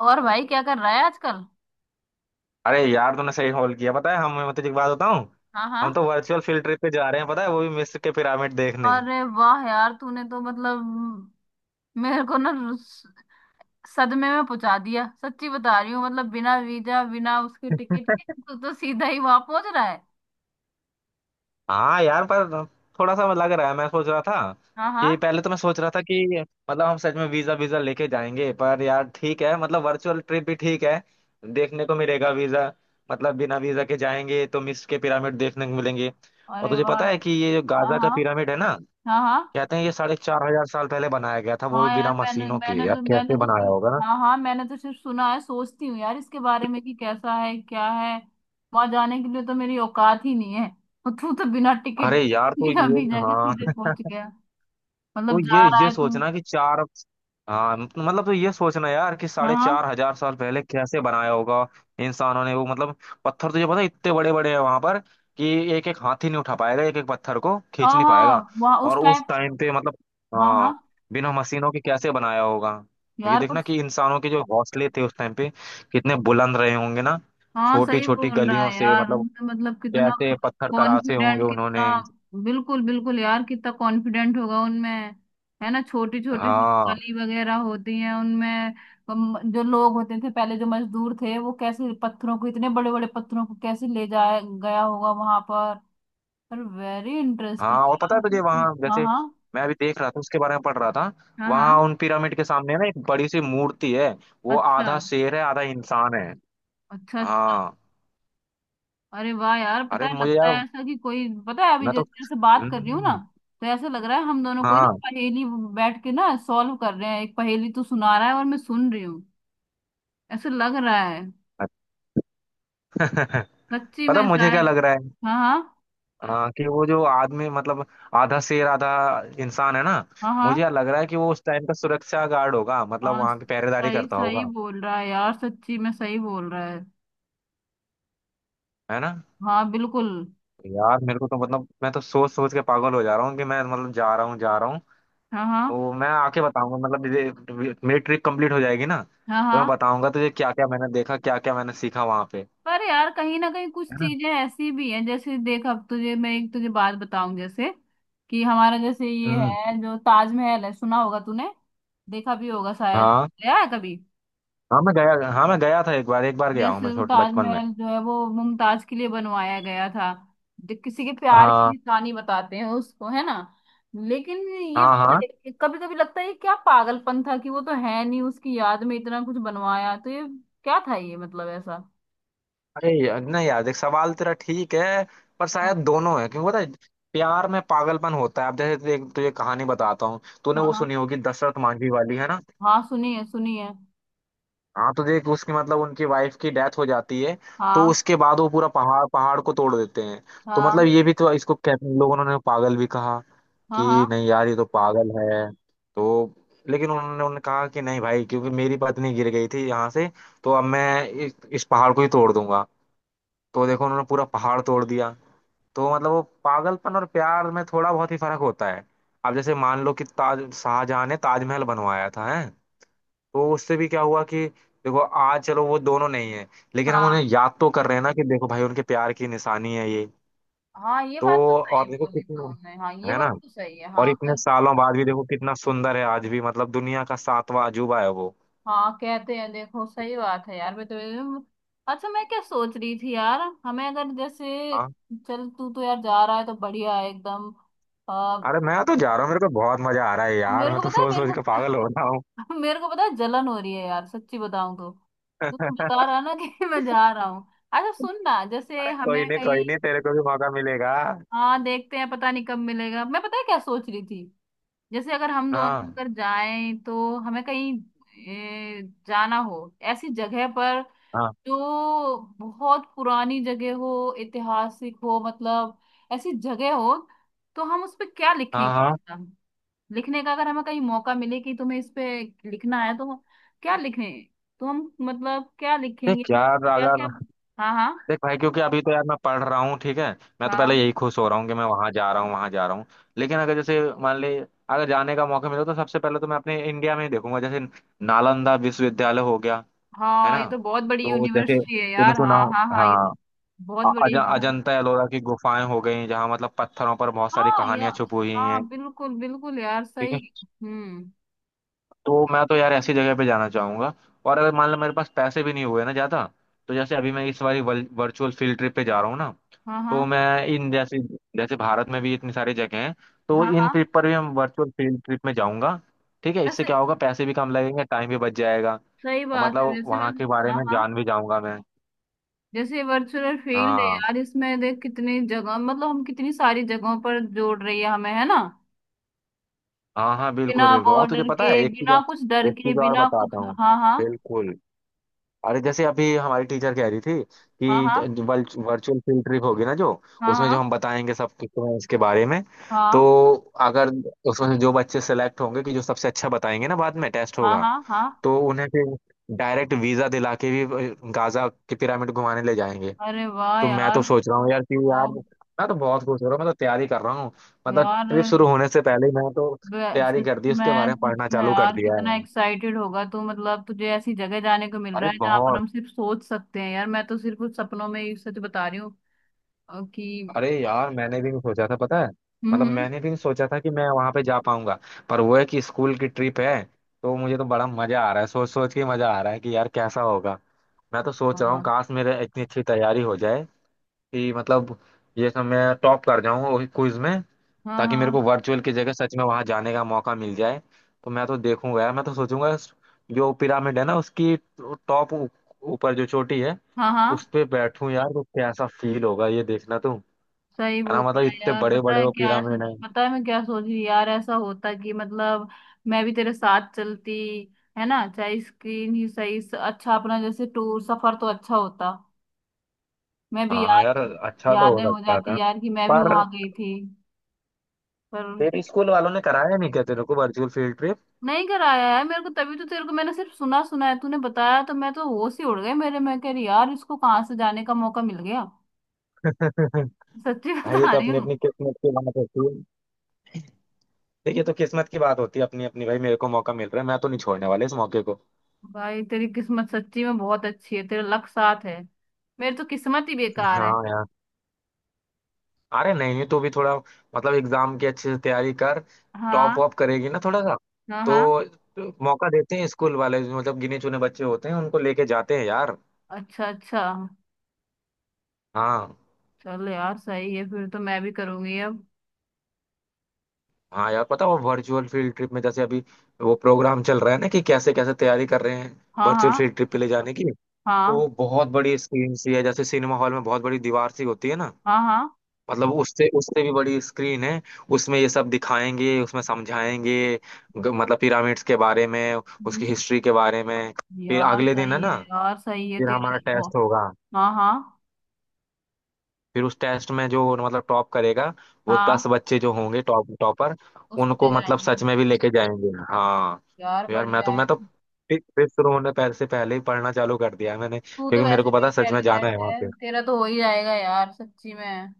और भाई क्या कर रहा है आजकल? अरे यार तूने सही कॉल किया। पता है, हम मैं तुझे एक बात बताऊं। हाँ हम तो हाँ। वर्चुअल फील्ड ट्रिप पे जा रहे हैं, पता है, वो भी मिस्र के पिरामिड देखने। अरे वाह यार तूने तो मतलब मेरे को ना सदमे में पहुंचा दिया। सच्ची बता रही हूँ। मतलब बिना वीजा बिना उसके टिकट के तू तो सीधा ही वहां पहुंच रहा है। हाँ यार, पर थोड़ा सा लग रहा है। मैं सोच रहा था हाँ हाँ। कि पहले तो मैं सोच रहा था कि मतलब हम सच में वीजा वीजा लेके जाएंगे, पर यार ठीक है। मतलब वर्चुअल ट्रिप भी ठीक है, देखने को मिलेगा। वीजा मतलब, बिना वीजा के जाएंगे तो मिस्र के पिरामिड देखने को मिलेंगे। और अरे तुझे वाह पता या- है कि ये जो हाँ गाजा हाँ। का पिरामिड है ना, हाँ हाँ। कहते हैं ये 4,500 साल पहले बनाया गया था, वो भी हाँ बिना यार मैंने मशीनों के। यार, मैंने कैसे तो बनाया सिर्फ। होगा? हाँ हाँ। मैंने तो सिर्फ सुना है। सोचती हूँ यार इसके बारे में कि कैसा है क्या है। वहां जाने के लिए तो मेरी औकात ही नहीं है और तू तो बिना टिकट अरे यार, तो बिना ये, वीजा के सीधे हाँ। पहुंच तो मतलब ये जा रहा ये है तू। सोचना कि चार, हाँ मतलब तो ये सोचना यार कि साढ़े हाँ चार हजार साल पहले कैसे बनाया होगा इंसानों ने। वो मतलब, पत्थर तुझे पता है इतने बड़े बड़े हैं वहां पर, कि एक एक हाथी नहीं उठा पाएगा, एक एक पत्थर को हाँ खींच हाँ नहीं पाएगा। हाँ। वहाँ उस और उस टाइम। टाइम पे मतलब, हाँ हाँ हाँ, बिना मशीनों के कैसे बनाया होगा। ये यार पर देखना कि इंसानों के जो हौसले थे उस टाइम पे, कितने बुलंद रहे होंगे ना। हाँ छोटी सही छोटी बोल रहा गलियों है से यार मतलब, उसने। मतलब कितना कैसे पत्थर तराशे होंगे कॉन्फिडेंट। उन्होंने। कितना बिल्कुल बिल्कुल यार कितना कॉन्फिडेंट होगा उनमें, है ना? छोटी छोटी सी हाँ गली वगैरह होती है उनमें। जो लोग होते थे पहले जो मजदूर थे वो कैसे पत्थरों को इतने बड़े बड़े पत्थरों को कैसे ले जाया गया होगा वहां पर। पर वेरी हाँ। इंटरेस्टिंग और पता यार। है तुझे, वहाँ हाँ जैसे, हाँ। मैं अभी देख रहा था, उसके बारे में पढ़ रहा था। हाँ हाँ। वहाँ उन पिरामिड के सामने ना, एक बड़ी सी मूर्ति है। वो अच्छा आधा शेर है, आधा इंसान है। अच्छा अच्छा। हाँ। अरे वाह यार पता अरे है मुझे लगता यार, है ऐसा कि कोई पता है अभी मैं तो, जैसे जैसे बात कर रही हूँ ना हम्म, तो ऐसा लग रहा है हम दोनों कोई ना हाँ। पहेली बैठ के ना सॉल्व कर रहे हैं। एक पहेली तू सुना रहा है और मैं सुन रही हूँ। ऐसा लग रहा है। सच्ची पता में मुझे क्या शायद। लग रहा है, हाँ हाँ। हाँ, कि वो जो आदमी मतलब, आधा शेर आधा इंसान है ना, हाँ हाँ। मुझे लग रहा है कि वो उस टाइम का सुरक्षा गार्ड होगा, मतलब हाँ वहां की पहरेदारी सही करता सही होगा। बोल रहा है यार सच्ची में सही बोल रहा है। है ना। हाँ बिल्कुल। यार मेरे को तो मतलब, मैं तो सोच सोच के पागल हो जा रहा हूँ कि मैं मतलब जा रहा हूँ, जा रहा हूँ। हाँ हाँ वो मैं आके बताऊंगा, मतलब मेरी ट्रिप कंप्लीट हो जाएगी ना, हाँ तो मैं हाँ। बताऊंगा तुझे क्या क्या मैंने देखा, क्या क्या मैंने सीखा वहां पे। पर यार कहीं ना कहीं कुछ है ना। चीजें ऐसी भी हैं जैसे देख। अब तुझे मैं एक तुझे बात बताऊं जैसे कि हमारा जैसे ये हम्म। है जो ताजमहल है सुना होगा तूने। देखा भी होगा शायद। हाँ गया है कभी। हाँ, मैं गया। हाँ मैं गया था एक बार, एक बार गया हूँ मैं जैसे वो छोट बचपन में। ताजमहल जो है वो मुमताज के लिए बनवाया गया था। जो किसी के प्यार की हाँ निशानी बताते हैं उसको, है ना? लेकिन ये हाँ हाँ। कभी कभी लगता है ये क्या पागलपन था कि वो तो है नहीं उसकी याद में इतना कुछ बनवाया। तो ये क्या था ये, मतलब ऐसा। अरे यार, नहीं यार, देख, सवाल तेरा ठीक है, पर हाँ शायद दोनों है क्योंकि पता है, प्यार में पागलपन होता है। अब जैसे तुझे कहानी बताता हूँ। तूने वो हाँ। सुनी होगी, दशरथ मांझी वाली, है ना। हाँ सुनिए सुनिए। हाँ तो देख उसकी मतलब उनकी वाइफ की डेथ हो जाती है। तो हाँ उसके बाद वो पूरा पहाड़ पहाड़ को तोड़ देते हैं। तो मतलब हाँ ये भी तो, इसको कहते हैं, लोगों ने पागल भी कहा हाँ हाँ कि नहीं यार ये तो पागल है। तो लेकिन उन्होंने उन्होंने कहा कि नहीं भाई, क्योंकि मेरी पत्नी गिर गई थी यहाँ से, तो अब मैं इस पहाड़ को ही तोड़ दूंगा। तो देखो उन्होंने पूरा पहाड़ तोड़ दिया। तो मतलब वो पागलपन और प्यार में थोड़ा बहुत ही फर्क होता है। अब जैसे मान लो कि ताज, शाहजहां ने ताजमहल बनवाया था, है। तो उससे भी क्या हुआ कि देखो आज चलो वो दोनों नहीं है, लेकिन हम हाँ। उन्हें याद तो कर रहे हैं ना, कि देखो भाई उनके प्यार की निशानी है ये। हाँ ये तो बात तो और सही देखो बोली कितना, तुमने। हाँ ये है बात ना, तो सही है। और हाँ इतने पर सालों बाद भी देखो कितना सुंदर है आज भी, मतलब दुनिया का सातवां अजूबा है वो। हाँ कहते हैं देखो। सही बात है यार मैं तो। अच्छा मैं क्या सोच रही थी यार हमें अगर जैसे हाँ। चल तू तो यार जा रहा है तो बढ़िया है एकदम। आ, अरे मैं तो जा रहा हूँ, मेरे को बहुत मजा आ रहा है यार, मेरे मैं को तो पता है सोच मेरे को सोच के पागल हो रहा हूँ। मेरे को पता है जलन हो रही है यार सच्ची बताऊं तो। तू तो बता रहा है ना कि मैं जा रहा हूँ। अच्छा सुन ना जैसे अरे कोई हमें नहीं कहीं। कोई नहीं, तेरे को भी मौका मिलेगा। हाँ देखते हैं पता नहीं कब मिलेगा। मैं पता है क्या सोच रही थी जैसे अगर हम दोनों हाँ अगर जाएं तो हमें कहीं ए, जाना हो ऐसी जगह पर हाँ जो बहुत पुरानी जगह हो, ऐतिहासिक हो, मतलब ऐसी जगह हो। तो हम उस पे क्या हाँ लिखेंगे हाँ। ऐसा? लिखने का अगर हमें कहीं मौका मिले कि तुम्हें इस पे लिखना है तो क्या लिखें? तो हम मतलब क्या लिखेंगे देख तो यार क्या अगर क्या? हाँ हाँ। देख भाई, क्योंकि अभी तो यार मैं पढ़ रहा हूँ, ठीक है। मैं तो पहले हाँ यही खुश हो रहा हूँ कि मैं वहां जा रहा हूँ, वहां जा रहा हूँ। लेकिन अगर जैसे मान ले, अगर जाने का मौका मिला तो सबसे पहले तो मैं अपने इंडिया में ही देखूंगा, जैसे नालंदा विश्वविद्यालय हो गया, है हाँ ना। ये तो बहुत बड़ी तो जैसे यूनिवर्सिटी है तूने यार। सुना हाँ हो, हाँ हाँ ये हाँ, तो बहुत अ- अज, बड़ी, हाँ। अजंता एलोरा की गुफाएं हो गई, जहाँ मतलब पत्थरों पर बहुत सारी हाँ या कहानियां छुपी हुई हैं। हाँ बिल्कुल बिल्कुल यार ठीक सही। है। हम्म। तो मैं तो यार ऐसी जगह पे जाना चाहूंगा। और अगर मान लो मेरे पास पैसे भी नहीं हुए ना ज्यादा, तो जैसे अभी मैं इस बार वर्चुअल फील्ड ट्रिप पे जा रहा हूँ ना, हाँ हाँ। तो मैं इन जैसे जैसे भारत में भी इतनी सारी जगह हैं, तो हाँ इन हाँ। ट्रिप पर भी हम वर्चुअल फील्ड ट्रिप में जाऊंगा। ठीक है। इससे वैसे क्या होगा, पैसे भी कम लगेंगे, टाइम भी बच जाएगा, सही और बात है मतलब वैसे वहाँ वैसे। के बारे हाँ में हाँ। जान भी जाऊंगा मैं। जैसे वर्चुअल फील्ड है हाँ यार इसमें देख कितनी जगह मतलब हम कितनी सारी जगहों पर जोड़ रही है हमें, है ना? हाँ। हाँ बिना बिल्कुल बिल्कुल, और तुझे बॉर्डर पता के है एक चीज, बिना कुछ डर एक के चीज और बिना कुछ, बताता हूँ। हाँ हाँ। बिल्कुल। अरे जैसे अभी हमारी टीचर कह रही थी हाँ हाँ कि वर्चुअल फील्ड ट्रिप होगी ना, जो उसमें जो हम हाँ बताएंगे सब कुछ तुम्हें इसके बारे में, हाँ। तो अगर उसमें से जो बच्चे सेलेक्ट होंगे कि जो सबसे अच्छा बताएंगे ना, बाद में टेस्ट हाँ होगा, हाँ हाँ हाँ। तो उन्हें फिर डायरेक्ट वीजा दिला के भी गाजा के पिरामिड घुमाने ले जाएंगे। अरे वाह तो मैं तो यार। सोच रहा हूँ यार कि यार ओ मैं तो बहुत खुश हो रहा हूँ, मैं तो तैयारी कर रहा हूँ। मतलब यार ट्रिप शुरू होने से पहले ही मैं तो वे- तैयारी सच कर दी, उसके बारे में। में सच पढ़ना में चालू कर यार दिया है। कितना एक्साइटेड होगा तू। मतलब तुझे ऐसी जगह जाने को मिल अरे रहा है जहां पर बहुत, हम सिर्फ सोच सकते हैं यार। मैं तो सिर्फ कुछ सपनों में ही सच बता रही हूँ कि अरे यार मैंने भी नहीं सोचा था, पता है, मतलब हम्म। मैंने भी नहीं सोचा था कि मैं वहां पे जा पाऊंगा, पर वो है कि स्कूल की ट्रिप है। तो मुझे तो बड़ा मजा आ रहा है, सोच सोच के मजा आ रहा है कि यार कैसा होगा। मैं तो सोच रहा हूँ हाँ काश मेरे इतनी अच्छी तैयारी हो जाए कि मतलब ये सब मैं टॉप कर जाऊंगा वही क्विज में, हाँ ताकि मेरे को हाँ वर्चुअल की जगह सच में वहां जाने का मौका मिल जाए। तो मैं तो देखूंगा यार, मैं तो सोचूंगा, जो पिरामिड है ना उसकी टॉप, ऊपर जो चोटी है, हाँ। हाँ उस पे बैठूं यार तो कैसा फील होगा, ये देखना तू। सही है बोल ना, मतलब रहा है इतने यार बड़े पता बड़े है वो क्या ऐसा। पिरामिड है। पता है मैं क्या सोच रही यार ऐसा होता कि मतलब मैं भी तेरे साथ चलती, है ना? चाहे स्क्रीन ही सही अच्छा अपना जैसे टूर सफर तो अच्छा होता। मैं भी हाँ याद, यार, अच्छा तो हो यादें हो सकता था। जाती यार कि मैं भी पर वहां गई थी। पर तेरे स्कूल वालों ने कराया नहीं क्या तेरे को वर्चुअल फील्ड ट्रिप? नहीं कराया है मेरे को। तभी तो तेरे को मैंने सिर्फ सुना सुना है। तूने बताया तो मैं तो होश ही उड़ गई मेरे। मैं कह रही यार इसको कहाँ से जाने का मौका मिल गया। सच्ची भाई ये बता तो रही अपनी हूँ। अपनी किस्मत की बात होती है। देखिए तो किस्मत की बात होती है अपनी अपनी, भाई मेरे को मौका मिल रहा है, मैं तो नहीं छोड़ने वाला इस मौके को। भाई तेरी किस्मत सच्ची में बहुत अच्छी है तेरा लक साथ है। मेरी तो किस्मत ही बेकार है। हाँ यार। अरे नहीं नहीं, तू भी थोड़ा मतलब एग्जाम की अच्छे से तैयारी कर, टॉप हाँ वॉप करेगी ना थोड़ा सा, हाँ। हाँ तो मौका देते हैं स्कूल वाले जो मतलब गिने चुने बच्चे होते हैं उनको लेके जाते हैं यार। अच्छा अच्छा। हाँ चल यार सही है फिर तो मैं भी करूंगी अब। हाँ। यार पता, वो वर्चुअल फील्ड ट्रिप में जैसे अभी वो प्रोग्राम चल रहा है ना, कि कैसे कैसे तैयारी कर रहे हैं हाँ वर्चुअल हाँ फील्ड ट्रिप पे ले जाने की। तो हाँ बहुत बड़ी स्क्रीन सी है जैसे सिनेमा हॉल में बहुत बड़ी दीवार सी होती है ना, हाँ। हाँ मतलब उससे उससे भी बड़ी स्क्रीन है। उसमें ये सब दिखाएंगे, उसमें समझाएंगे, मतलब पिरामिड्स के बारे में, हम्म। उसकी हिस्ट्री के बारे में। फिर अगले दिन है ना, यार सही है फिर तेरे हमारा तो टेस्ट बहुत- होगा। हाँ हाँ। फिर उस टेस्ट में जो मतलब टॉप करेगा, वो दस हाँ बच्चे जो होंगे टॉप टॉपर, उसको ले उनको मतलब जाएंगे। सच में भी लेके जाएंगे। हाँ। यार तो यार मैं बढ़िया तो है। मैं तो फिर शुरू होने पहले से पहले ही पढ़ना चालू कर दिया है मैंने, तू तो क्योंकि मेरे वैसे को भी पता है सच में जाना है इंटेलिजेंट वहाँ। है तेरा तो हो ही जाएगा यार सच्ची में।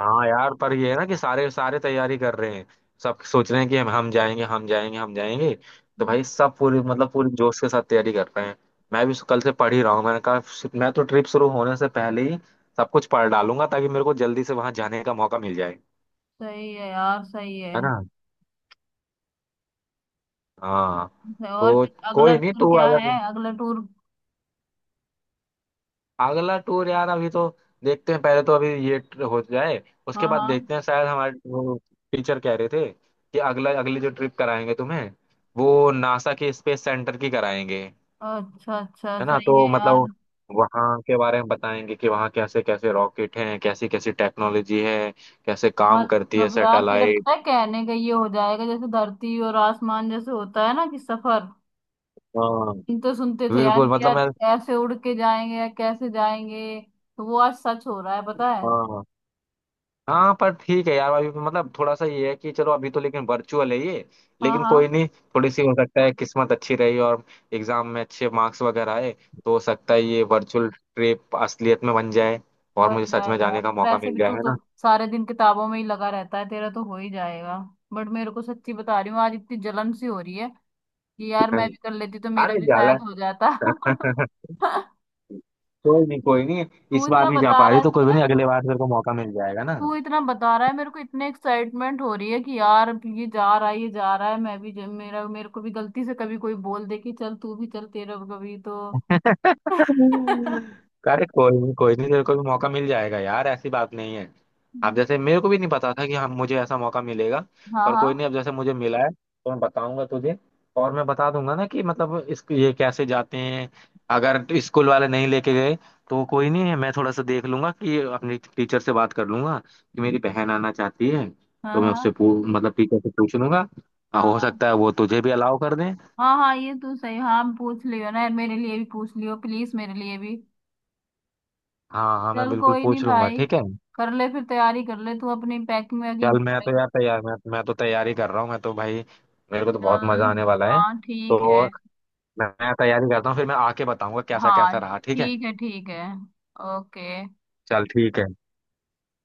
हाँ यार। पर ये है ना कि सारे सारे तैयारी कर रहे हैं, सब सोच रहे हैं कि हम जाएंगे, हम जाएंगे, हम जाएंगे। तो हम्म। भाई सब पूरी मतलब पूरी जोश के साथ तैयारी कर रहे हैं। मैं भी कल से पढ़ ही रहा हूँ। मैंने कहा मैं तो ट्रिप शुरू होने से पहले ही सब कुछ पढ़ डालूंगा ताकि मेरे को जल्दी से वहां जाने का मौका मिल जाए। सही है यार सही है। है ना। हाँ। अच्छा, और तो फिर अगला कोई नहीं। टूर तू क्या अगर है अगला टूर? अगला टूर यार अभी तो देखते हैं, पहले तो अभी ये हो जाए, उसके बाद हाँ देखते हैं। शायद हमारे वो टीचर कह रहे थे कि अगला अगली जो ट्रिप कराएंगे तुम्हें, वो नासा के स्पेस सेंटर की कराएंगे। हाँ अच्छा अच्छा है ना। सही तो है यार। मतलब वहाँ के बारे में बताएंगे कि वहाँ कैसे कैसे रॉकेट हैं, कैसी कैसी टेक्नोलॉजी है, कैसे काम करती है मतलब यार तेरा पता सैटेलाइट। है कहने का ये हो जाएगा जैसे धरती और आसमान जैसे होता है ना कि सफर। हाँ हम तो सुनते थे यार बिल्कुल, कि मतलब यार मैं, कैसे उड़ के जाएंगे या कैसे जाएंगे। तो वो आज सच हो रहा है पता है। हाँ हाँ। पर ठीक है यार अभी मतलब थोड़ा सा ये है कि चलो अभी तो लेकिन वर्चुअल है ये, हाँ लेकिन कोई हाँ। नहीं। थोड़ी सी हो सकता है किस्मत अच्छी रही, और एग्जाम में अच्छे मार्क्स वगैरह आए, तो हो सकता है ये वर्चुअल ट्रिप असलियत में बन जाए, और बच मुझे सच में जाएगा यार जाने का मौका वैसे मिल भी जाए, तू है तो ना। सारे दिन किताबों में ही लगा रहता है तेरा तो हो ही जाएगा। बट मेरे को सच्ची बता रही हूँ आज इतनी जलन सी हो रही है कि यार मैं हम्म। भी कर लेती तो मेरा अरे भी जाला। शायद हो जाता कोई नहीं कोई नहीं, तू इस बार इतना नहीं जा बता पा रहा रही तो कोई भी है। नहीं, अगले बार तेरे को मौका मिल जाएगा ना। तू इतना बता रहा है मेरे को इतने एक्साइटमेंट हो रही है कि यार ये जा रहा है ये जा रहा है। मैं भी मेरा मेरे को भी गलती से कभी कोई बोल दे कि चल तू भी चल तेरा भी कभी तो अरे कोई नहीं कोई नहीं, तेरे को भी मौका मिल जाएगा यार, ऐसी बात नहीं है। आप जैसे मेरे को भी नहीं पता था कि हम मुझे ऐसा मौका मिलेगा। हाँ पर कोई नहीं, हाँ अब जैसे मुझे मिला है तो मैं बताऊंगा तुझे, और मैं बता दूंगा ना कि मतलब इस ये कैसे जाते हैं। अगर स्कूल वाले नहीं लेके गए तो कोई नहीं है, मैं थोड़ा सा देख लूंगा कि अपनी टीचर से बात कर लूंगा कि मेरी बहन आना चाहती है, तो मैं उससे हाँ मतलब टीचर से पूछ लूंगा। हाँ, हाँ हो हाँ सकता है वो तुझे भी अलाउ कर दें। हाँ हाँ ये तो सही। हाँ पूछ लियो ना मेरे लिए भी। पूछ लियो प्लीज मेरे लिए भी। हाँ हाँ मैं चल बिल्कुल कोई नहीं पूछ लूंगा, भाई। ठीक है। कर ले फिर तैयारी कर ले तू अपनी पैकिंग वैकिंग चल मैं कर तो ले। यार तैयार, मैं तो तैयारी कर रहा हूँ, मैं तो भाई मेरे को तो बहुत मजा चल आने वाला है। हाँ ठीक तो है। मैं तैयारी करता हूँ, फिर मैं आके बताऊंगा कैसा कैसा हाँ रहा, ठीक है। ठीक है ओके। चल ठीक है।